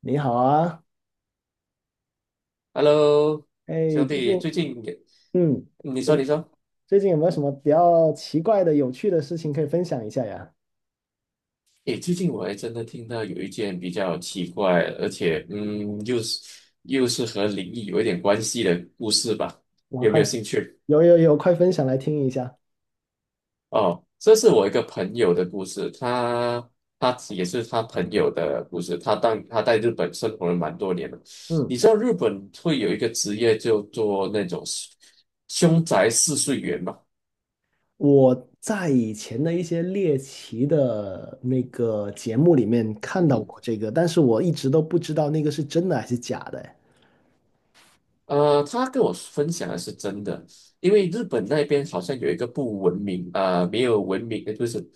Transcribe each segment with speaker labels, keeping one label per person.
Speaker 1: 你好啊。
Speaker 2: Hello，
Speaker 1: 哎，
Speaker 2: 兄
Speaker 1: 最近，
Speaker 2: 弟，最近也
Speaker 1: 嗯，
Speaker 2: 你说
Speaker 1: 有
Speaker 2: 你说，
Speaker 1: 最近有没有什么比较奇怪的、有趣的事情可以分享一下呀？
Speaker 2: 诶，最近我还真的听到有一件比较奇怪，而且又是和灵异有一点关系的故事吧？
Speaker 1: 我
Speaker 2: 有没
Speaker 1: 快，
Speaker 2: 有兴趣？
Speaker 1: 有有有，快分享来听一下。
Speaker 2: 哦，这是我一个朋友的故事，他也是他朋友的故事，他当他在日本生活了蛮多年了。
Speaker 1: 嗯，
Speaker 2: 你知道日本会有一个职业就做那种凶宅试睡员吗？
Speaker 1: 我在以前的一些猎奇的那个节目里面看到过
Speaker 2: 嗯。
Speaker 1: 这个，但是我一直都不知道那个是真的还是假的哎。
Speaker 2: 他跟我分享的是真的，因为日本那边好像有一个不文明啊、没有文明，不是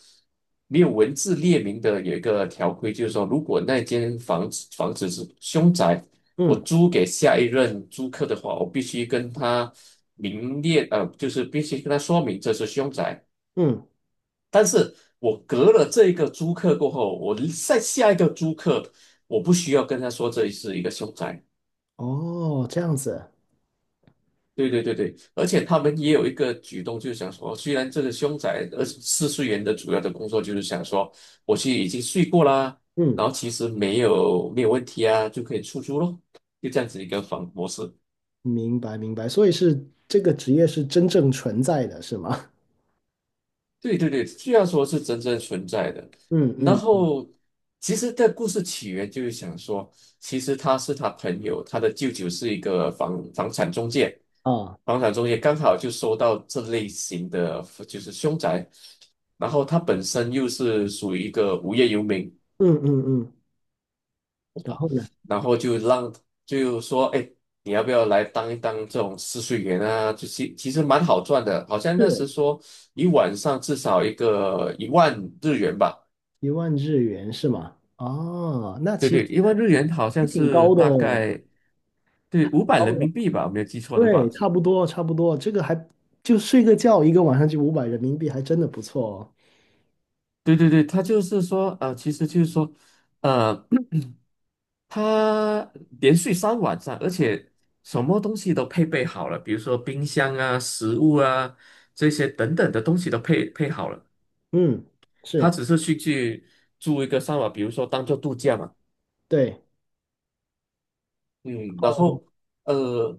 Speaker 2: 没有文字列明的有一个条规，就是说，如果那间房子是凶宅，我
Speaker 1: 嗯
Speaker 2: 租给下一任租客的话，我必须跟他明列，就是必须跟他说明这是凶宅。
Speaker 1: 嗯。
Speaker 2: 但是我隔了这一个租客过后，我再下一个租客，我不需要跟他说这是一个凶宅。
Speaker 1: 哦，这样子。
Speaker 2: 对对对对，而且他们也有一个举动，就是想说，虽然这个凶宅24岁人的主要的工作就是想说，我去已经睡过啦，
Speaker 1: 嗯，
Speaker 2: 然后其实没有问题啊，就可以出租咯，就这样子一个房模式。
Speaker 1: 明白明白，所以是这个职业是真正存在的，是吗？
Speaker 2: 对对对，虽然说是真正存在的，
Speaker 1: 嗯
Speaker 2: 然
Speaker 1: 嗯嗯。
Speaker 2: 后其实这故事起源就是想说，其实他是他朋友，他的舅舅是一个房产中介，
Speaker 1: 啊，
Speaker 2: 房产中介刚好就收到这类型的就是凶宅，然后他本身又是属于一个无业游民，
Speaker 1: 嗯嗯嗯，然后呢？
Speaker 2: 然后就让就说，哎，你要不要来当一当这种试睡员啊？就其实蛮好赚的，好像那
Speaker 1: 是，
Speaker 2: 时说一晚上至少一万日元吧。
Speaker 1: 一万日元是吗？哦，那
Speaker 2: 对
Speaker 1: 其实
Speaker 2: 对，一万日元好
Speaker 1: 还
Speaker 2: 像
Speaker 1: 挺
Speaker 2: 是
Speaker 1: 高的
Speaker 2: 大
Speaker 1: 哦，
Speaker 2: 概对五
Speaker 1: 挺
Speaker 2: 百
Speaker 1: 高
Speaker 2: 人
Speaker 1: 的。
Speaker 2: 民币吧，我没有记错的
Speaker 1: 对，
Speaker 2: 话。
Speaker 1: 差不多，差不多。这个还就睡个觉，一个晚上就五百人民币，还真的不错哦。
Speaker 2: 对对对，他就是说，其实就是说，呃，他连续3晚上，而且什么东西都配备好了，比如说冰箱啊、食物啊这些等等的东西都配好了。
Speaker 1: 嗯，
Speaker 2: 他
Speaker 1: 是。
Speaker 2: 只是去住一个三晚，比如说当做度假嘛。
Speaker 1: 对。
Speaker 2: 嗯，然
Speaker 1: 哦，
Speaker 2: 后呃，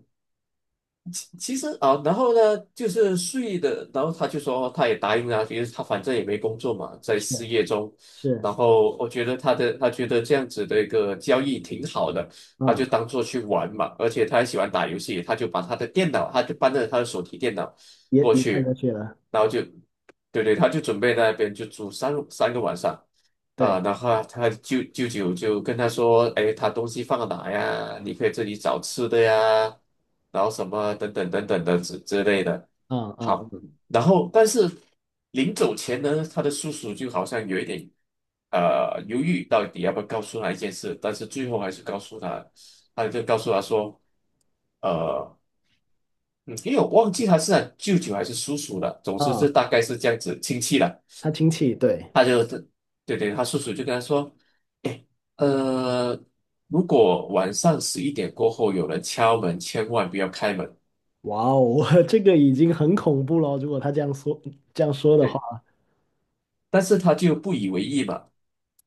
Speaker 2: 其实啊，然后呢，就是睡的，然后他就说哦他也答应了，因为他反正也没工作嘛，在
Speaker 1: 是
Speaker 2: 失业中。
Speaker 1: 是
Speaker 2: 然后我觉得他觉得这样子的一个交易挺好的，他就
Speaker 1: 啊，
Speaker 2: 当做去玩嘛，而且他还喜欢打游戏，他就把他的电脑，他就搬着他的手提电脑
Speaker 1: 也
Speaker 2: 过
Speaker 1: 也太过
Speaker 2: 去，
Speaker 1: 去了。
Speaker 2: 然后就，对对，他就准备在那边就住三个晚上。啊，
Speaker 1: 对。
Speaker 2: 然后啊他舅舅就跟他说，哎，他东西放哪呀？你可以自己找吃的呀，然后什么等等的之类的。
Speaker 1: 啊啊
Speaker 2: 好，然后但是临走前呢，他的叔叔就好像有一点犹豫，到底要不要告诉他一件事，但是最后还是告诉他，他就告诉他说，呃，嗯因为我忘记他是他舅舅还是叔叔了，总之是
Speaker 1: 啊，
Speaker 2: 大概是这样子亲戚了。
Speaker 1: 他亲戚，对。
Speaker 2: 他就对对，他叔叔就跟他说：“哎，呃，如果晚上十一点过后有人敲门，千万不要开门。”
Speaker 1: 哇哦，这个已经很恐怖了。如果他这样说的话，
Speaker 2: 对，但是他就不以为意嘛，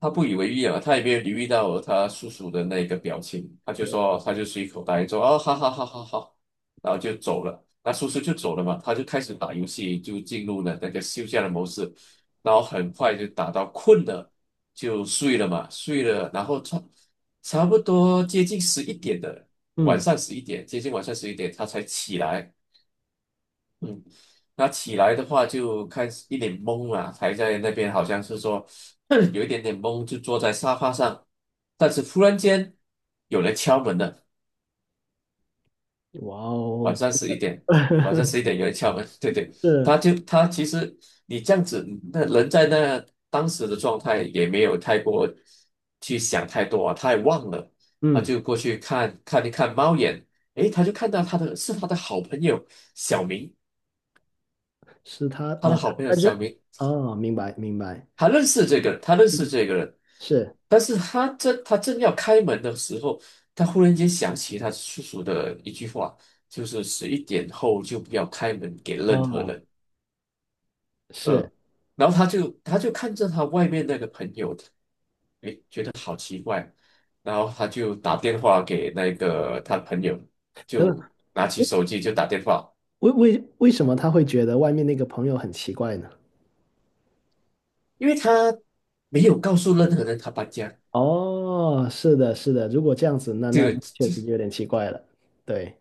Speaker 2: 他不以为意啊，他也没有留意到他叔叔的那个表情，他就说哦，他就随口答应说，哦，好好好好好，然后就走了。那叔叔就走了嘛，他就开始打游戏，就进入了那个休假的模式，然后很快就打到困了，就睡了嘛，睡了，然后差不多接近十一点的晚
Speaker 1: 嗯。
Speaker 2: 上十一点，接近晚上十一点他才起来，嗯，他起来的话就开始一脸懵了，还在那边好像是说 有一点点懵，就坐在沙发上。但是突然间有人敲门了，
Speaker 1: 哇
Speaker 2: 晚
Speaker 1: 哦，
Speaker 2: 上十一点，晚上十一点有人敲门，对对，
Speaker 1: 是。
Speaker 2: 他就其实你这样子，那人在那当时的状态也没有太过去想太多啊，他也忘了，他
Speaker 1: 嗯。
Speaker 2: 就过去看一看猫眼，诶，他就看到他的好朋友小明，
Speaker 1: 是他
Speaker 2: 他的
Speaker 1: 哦，
Speaker 2: 好
Speaker 1: 他
Speaker 2: 朋友
Speaker 1: 他
Speaker 2: 小
Speaker 1: 认
Speaker 2: 明。
Speaker 1: 哦，明白明白。
Speaker 2: 他认识这个人他认识
Speaker 1: 嗯，
Speaker 2: 这个人，
Speaker 1: 是。
Speaker 2: 但是他正要开门的时候，他忽然间想起他叔叔的一句话，就是十一点后就不要开门给任何
Speaker 1: 哦，
Speaker 2: 人。
Speaker 1: 是。
Speaker 2: 呃，然后他就看着他外面那个朋友，然后他就打电话给那个他朋友，
Speaker 1: 等等，
Speaker 2: 就拿起手机就打电话，
Speaker 1: 为什么他会觉得外面那个朋友很奇怪呢？
Speaker 2: 因为他没有告诉任何人他搬家，
Speaker 1: 哦，是的，是的，如果这样子，那
Speaker 2: 这
Speaker 1: 那
Speaker 2: 个
Speaker 1: 确实有点奇怪了。对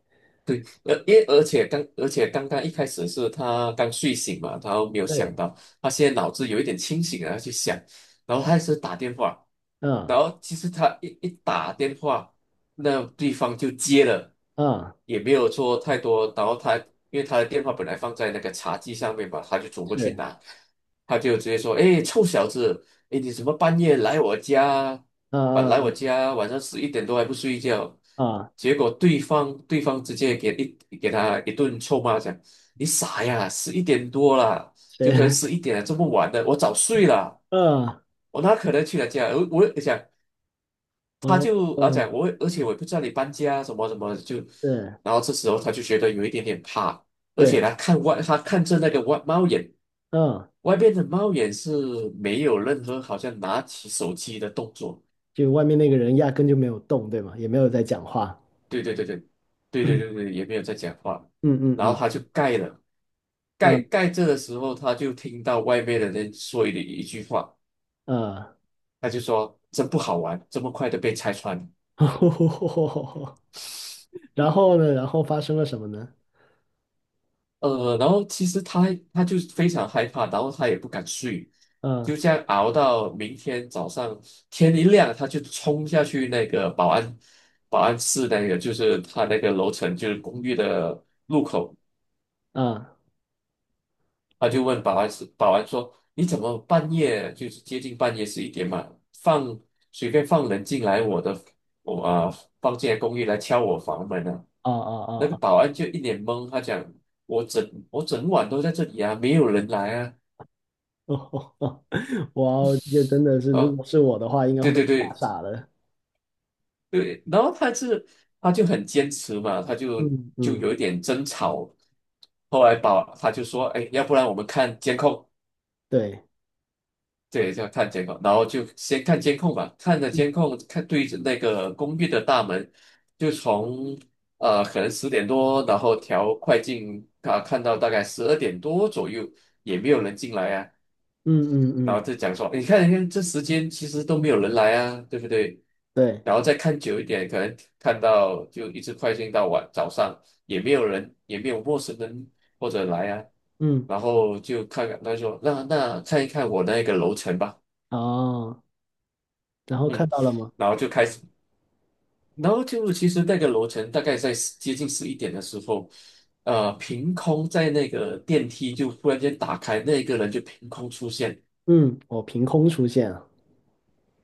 Speaker 2: 而因为而且刚而且刚刚一开始是他刚睡醒嘛，他没有想
Speaker 1: 对。
Speaker 2: 到，他现在脑子有一点清醒然后去想，然后他是打电话，
Speaker 1: 嗯
Speaker 2: 然后其实他一打电话，那对方就接了，
Speaker 1: 嗯。
Speaker 2: 也没有说太多，然后他因为他的电话本来放在那个茶几上面嘛，他就走过去
Speaker 1: 是。
Speaker 2: 拿，他就直接说：“哎，臭小子！”诶，你怎么半夜来我家，本来
Speaker 1: 嗯
Speaker 2: 我
Speaker 1: 嗯
Speaker 2: 家晚上十一点多还不睡觉，
Speaker 1: 嗯。嗯，
Speaker 2: 结果对方直接给他一顿臭骂，讲你傻呀，十一点多了，就
Speaker 1: 谁？
Speaker 2: 可能十一点了，这么晚了，我早睡了，
Speaker 1: 嗯。
Speaker 2: 我哪可能去他家？我讲 他
Speaker 1: 哦
Speaker 2: 就啊
Speaker 1: 哦。
Speaker 2: 讲我，而且我也不知道你搬家什么什么，就
Speaker 1: 对
Speaker 2: 然后这时候他就觉得有一点点怕，而且
Speaker 1: 对。
Speaker 2: 他看着那个外猫眼，
Speaker 1: 嗯，
Speaker 2: 外边的猫眼是没有任何好像拿起手机的动作。
Speaker 1: 就外面那个人压根就没有动，对吗？也没有在讲话。
Speaker 2: 对对对对，对对对对，也没有在讲话
Speaker 1: 嗯嗯
Speaker 2: 然后
Speaker 1: 嗯。
Speaker 2: 他就盖了，盖着的时候，他就听到外面的人说的一句话，
Speaker 1: 嗯嗯。
Speaker 2: 他就说：“真不好玩，这么快的被拆穿。”
Speaker 1: 然后呢，然后发生了什么呢？
Speaker 2: 然后其实他就非常害怕，然后他也不敢睡，
Speaker 1: 嗯
Speaker 2: 就这样熬到明天早上天一亮，他就冲下去那个保安室那个，就是他那个楼层，就是公寓的
Speaker 1: 嗯。
Speaker 2: 他
Speaker 1: 哦
Speaker 2: 就问保安说：“你怎么半夜就是接近半夜十一点嘛，放随便放人进来我的我啊、放进来公寓来敲我房门啊？”
Speaker 1: 哦。
Speaker 2: 那个
Speaker 1: 哦
Speaker 2: 保安就一脸懵，他讲：我整晚都在这里啊，没有人来啊。”
Speaker 1: 哦哦！哦。 哇哦，这个真的是，如
Speaker 2: 哦，
Speaker 1: 果是我的话，应该会
Speaker 2: 对
Speaker 1: 被
Speaker 2: 对
Speaker 1: 吓
Speaker 2: 对
Speaker 1: 傻了。
Speaker 2: 对，然后他就很坚持嘛，他就
Speaker 1: 嗯
Speaker 2: 就
Speaker 1: 嗯。
Speaker 2: 有一点争吵。后来他就说：“哎，要不然我们看监控。”
Speaker 1: 对。
Speaker 2: 对，就要看监控，然后就先看监控吧，看着监
Speaker 1: 嗯
Speaker 2: 控，对着那个公寓的大门，就从可能10点多，然后调快进啊，看到大概12点多左右，也没有人进来啊，
Speaker 1: 嗯嗯。
Speaker 2: 然后
Speaker 1: 嗯。
Speaker 2: 就讲说，你看，你看这时间其实都没有人来啊，对不对？
Speaker 1: 对。
Speaker 2: 然后再看久一点，可能看到就一直快进到晚早上，也没有人，也没有陌生人或者来啊，
Speaker 1: 嗯。
Speaker 2: 然后就看看他说，那看一看我那个楼层吧。
Speaker 1: 哦，然后看
Speaker 2: 嗯，
Speaker 1: 到了吗？
Speaker 2: 然后就开始，然后就其实那个楼层大概在接近十一点的时候，凭空在那个电梯就忽然间打开，那一个人就凭空出现，
Speaker 1: 嗯，我凭空出现了。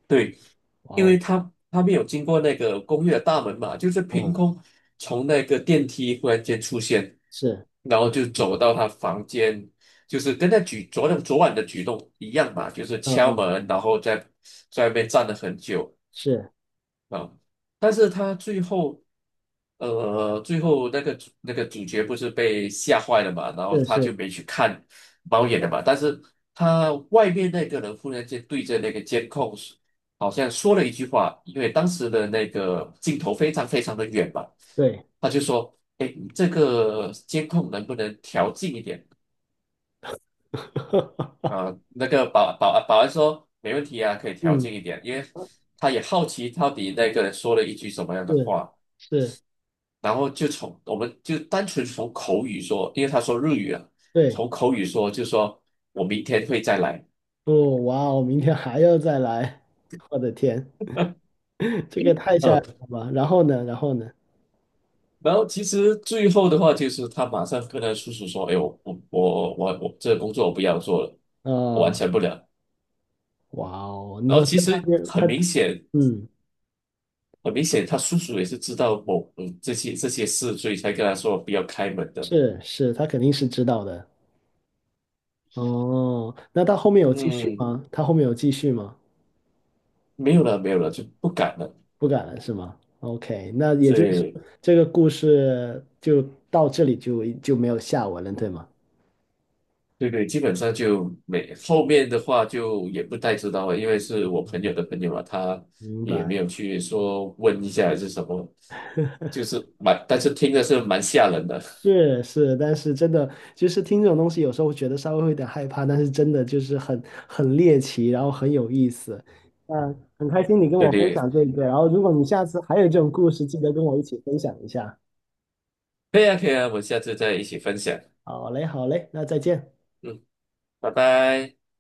Speaker 2: 对，
Speaker 1: 哇
Speaker 2: 因为
Speaker 1: 哦。
Speaker 2: 他没有经过那个公寓的大门嘛，就是凭
Speaker 1: 嗯。
Speaker 2: 空从那个电梯忽然间出现，
Speaker 1: 是。
Speaker 2: 然后就走到他房间，就是跟他举昨天昨晚的举动一样嘛，就是
Speaker 1: 嗯
Speaker 2: 敲
Speaker 1: 嗯。
Speaker 2: 门，然后在外面站了很久。
Speaker 1: 是
Speaker 2: 啊，但是他最后，最后那个主角不是被吓坏了嘛，然后
Speaker 1: 是
Speaker 2: 他
Speaker 1: 是。
Speaker 2: 就没去看猫眼了嘛，但是他外面那个人忽然间对着那个监控，好像说了一句话，因为当时的那个镜头非常非常的远嘛，
Speaker 1: 对。
Speaker 2: 他就说：“哎，你这个监控能不能调近一点？”
Speaker 1: 哈哈哈。
Speaker 2: 啊，那个保安说没问题啊，可以调
Speaker 1: 嗯，
Speaker 2: 近一点，因为他也好奇到底那个人说了一句什么样的
Speaker 1: 是
Speaker 2: 话。
Speaker 1: 是。
Speaker 2: 然后我们就单纯从口语说，因为他说日语啊，
Speaker 1: 对。
Speaker 2: 从口语说就说我明天会再来，
Speaker 1: 不，哇哦，明天还要再来，我的天！这个太吓人
Speaker 2: 嗯，
Speaker 1: 了吧？然后呢？然后呢？
Speaker 2: 然后其实最后的话就是他马上跟他叔叔说，哎，我这个工作我不要做了，我完
Speaker 1: 啊！
Speaker 2: 成不了。
Speaker 1: 哇哦，你
Speaker 2: 然后
Speaker 1: 说他
Speaker 2: 其实
Speaker 1: 是他。
Speaker 2: 很明显，
Speaker 1: 嗯，
Speaker 2: 很明显他叔叔也是知道这些事，所以才跟他说不要开门的，
Speaker 1: 是是，他肯定是知道的。哦，那他后面有继续
Speaker 2: 嗯，
Speaker 1: 吗？他后面有继续吗？
Speaker 2: 没有了没有了就不敢了，
Speaker 1: 不敢了是吗？OK，那也就是
Speaker 2: 对。
Speaker 1: 这个故事就到这里就没有下文了，对吗？
Speaker 2: 对对，基本上就没，后面的话就也不太知道了，因为是我朋友的朋友嘛，他
Speaker 1: 明
Speaker 2: 也没
Speaker 1: 白。
Speaker 2: 有去说问一下还是什么，就是蛮，但是听的是蛮吓人的。
Speaker 1: 是是，但是真的就是听这种东西，有时候会觉得稍微会有点害怕，但是真的就是很很猎奇，然后很有意思。嗯，很开心你跟
Speaker 2: 对
Speaker 1: 我分
Speaker 2: 对，
Speaker 1: 享这个，然后如果你下次还有这种故事，记得跟我一起分享一下。
Speaker 2: 可以啊，可以啊，我们下次再一起分享。
Speaker 1: 好嘞，好嘞，那再见。
Speaker 2: 嗯，拜拜。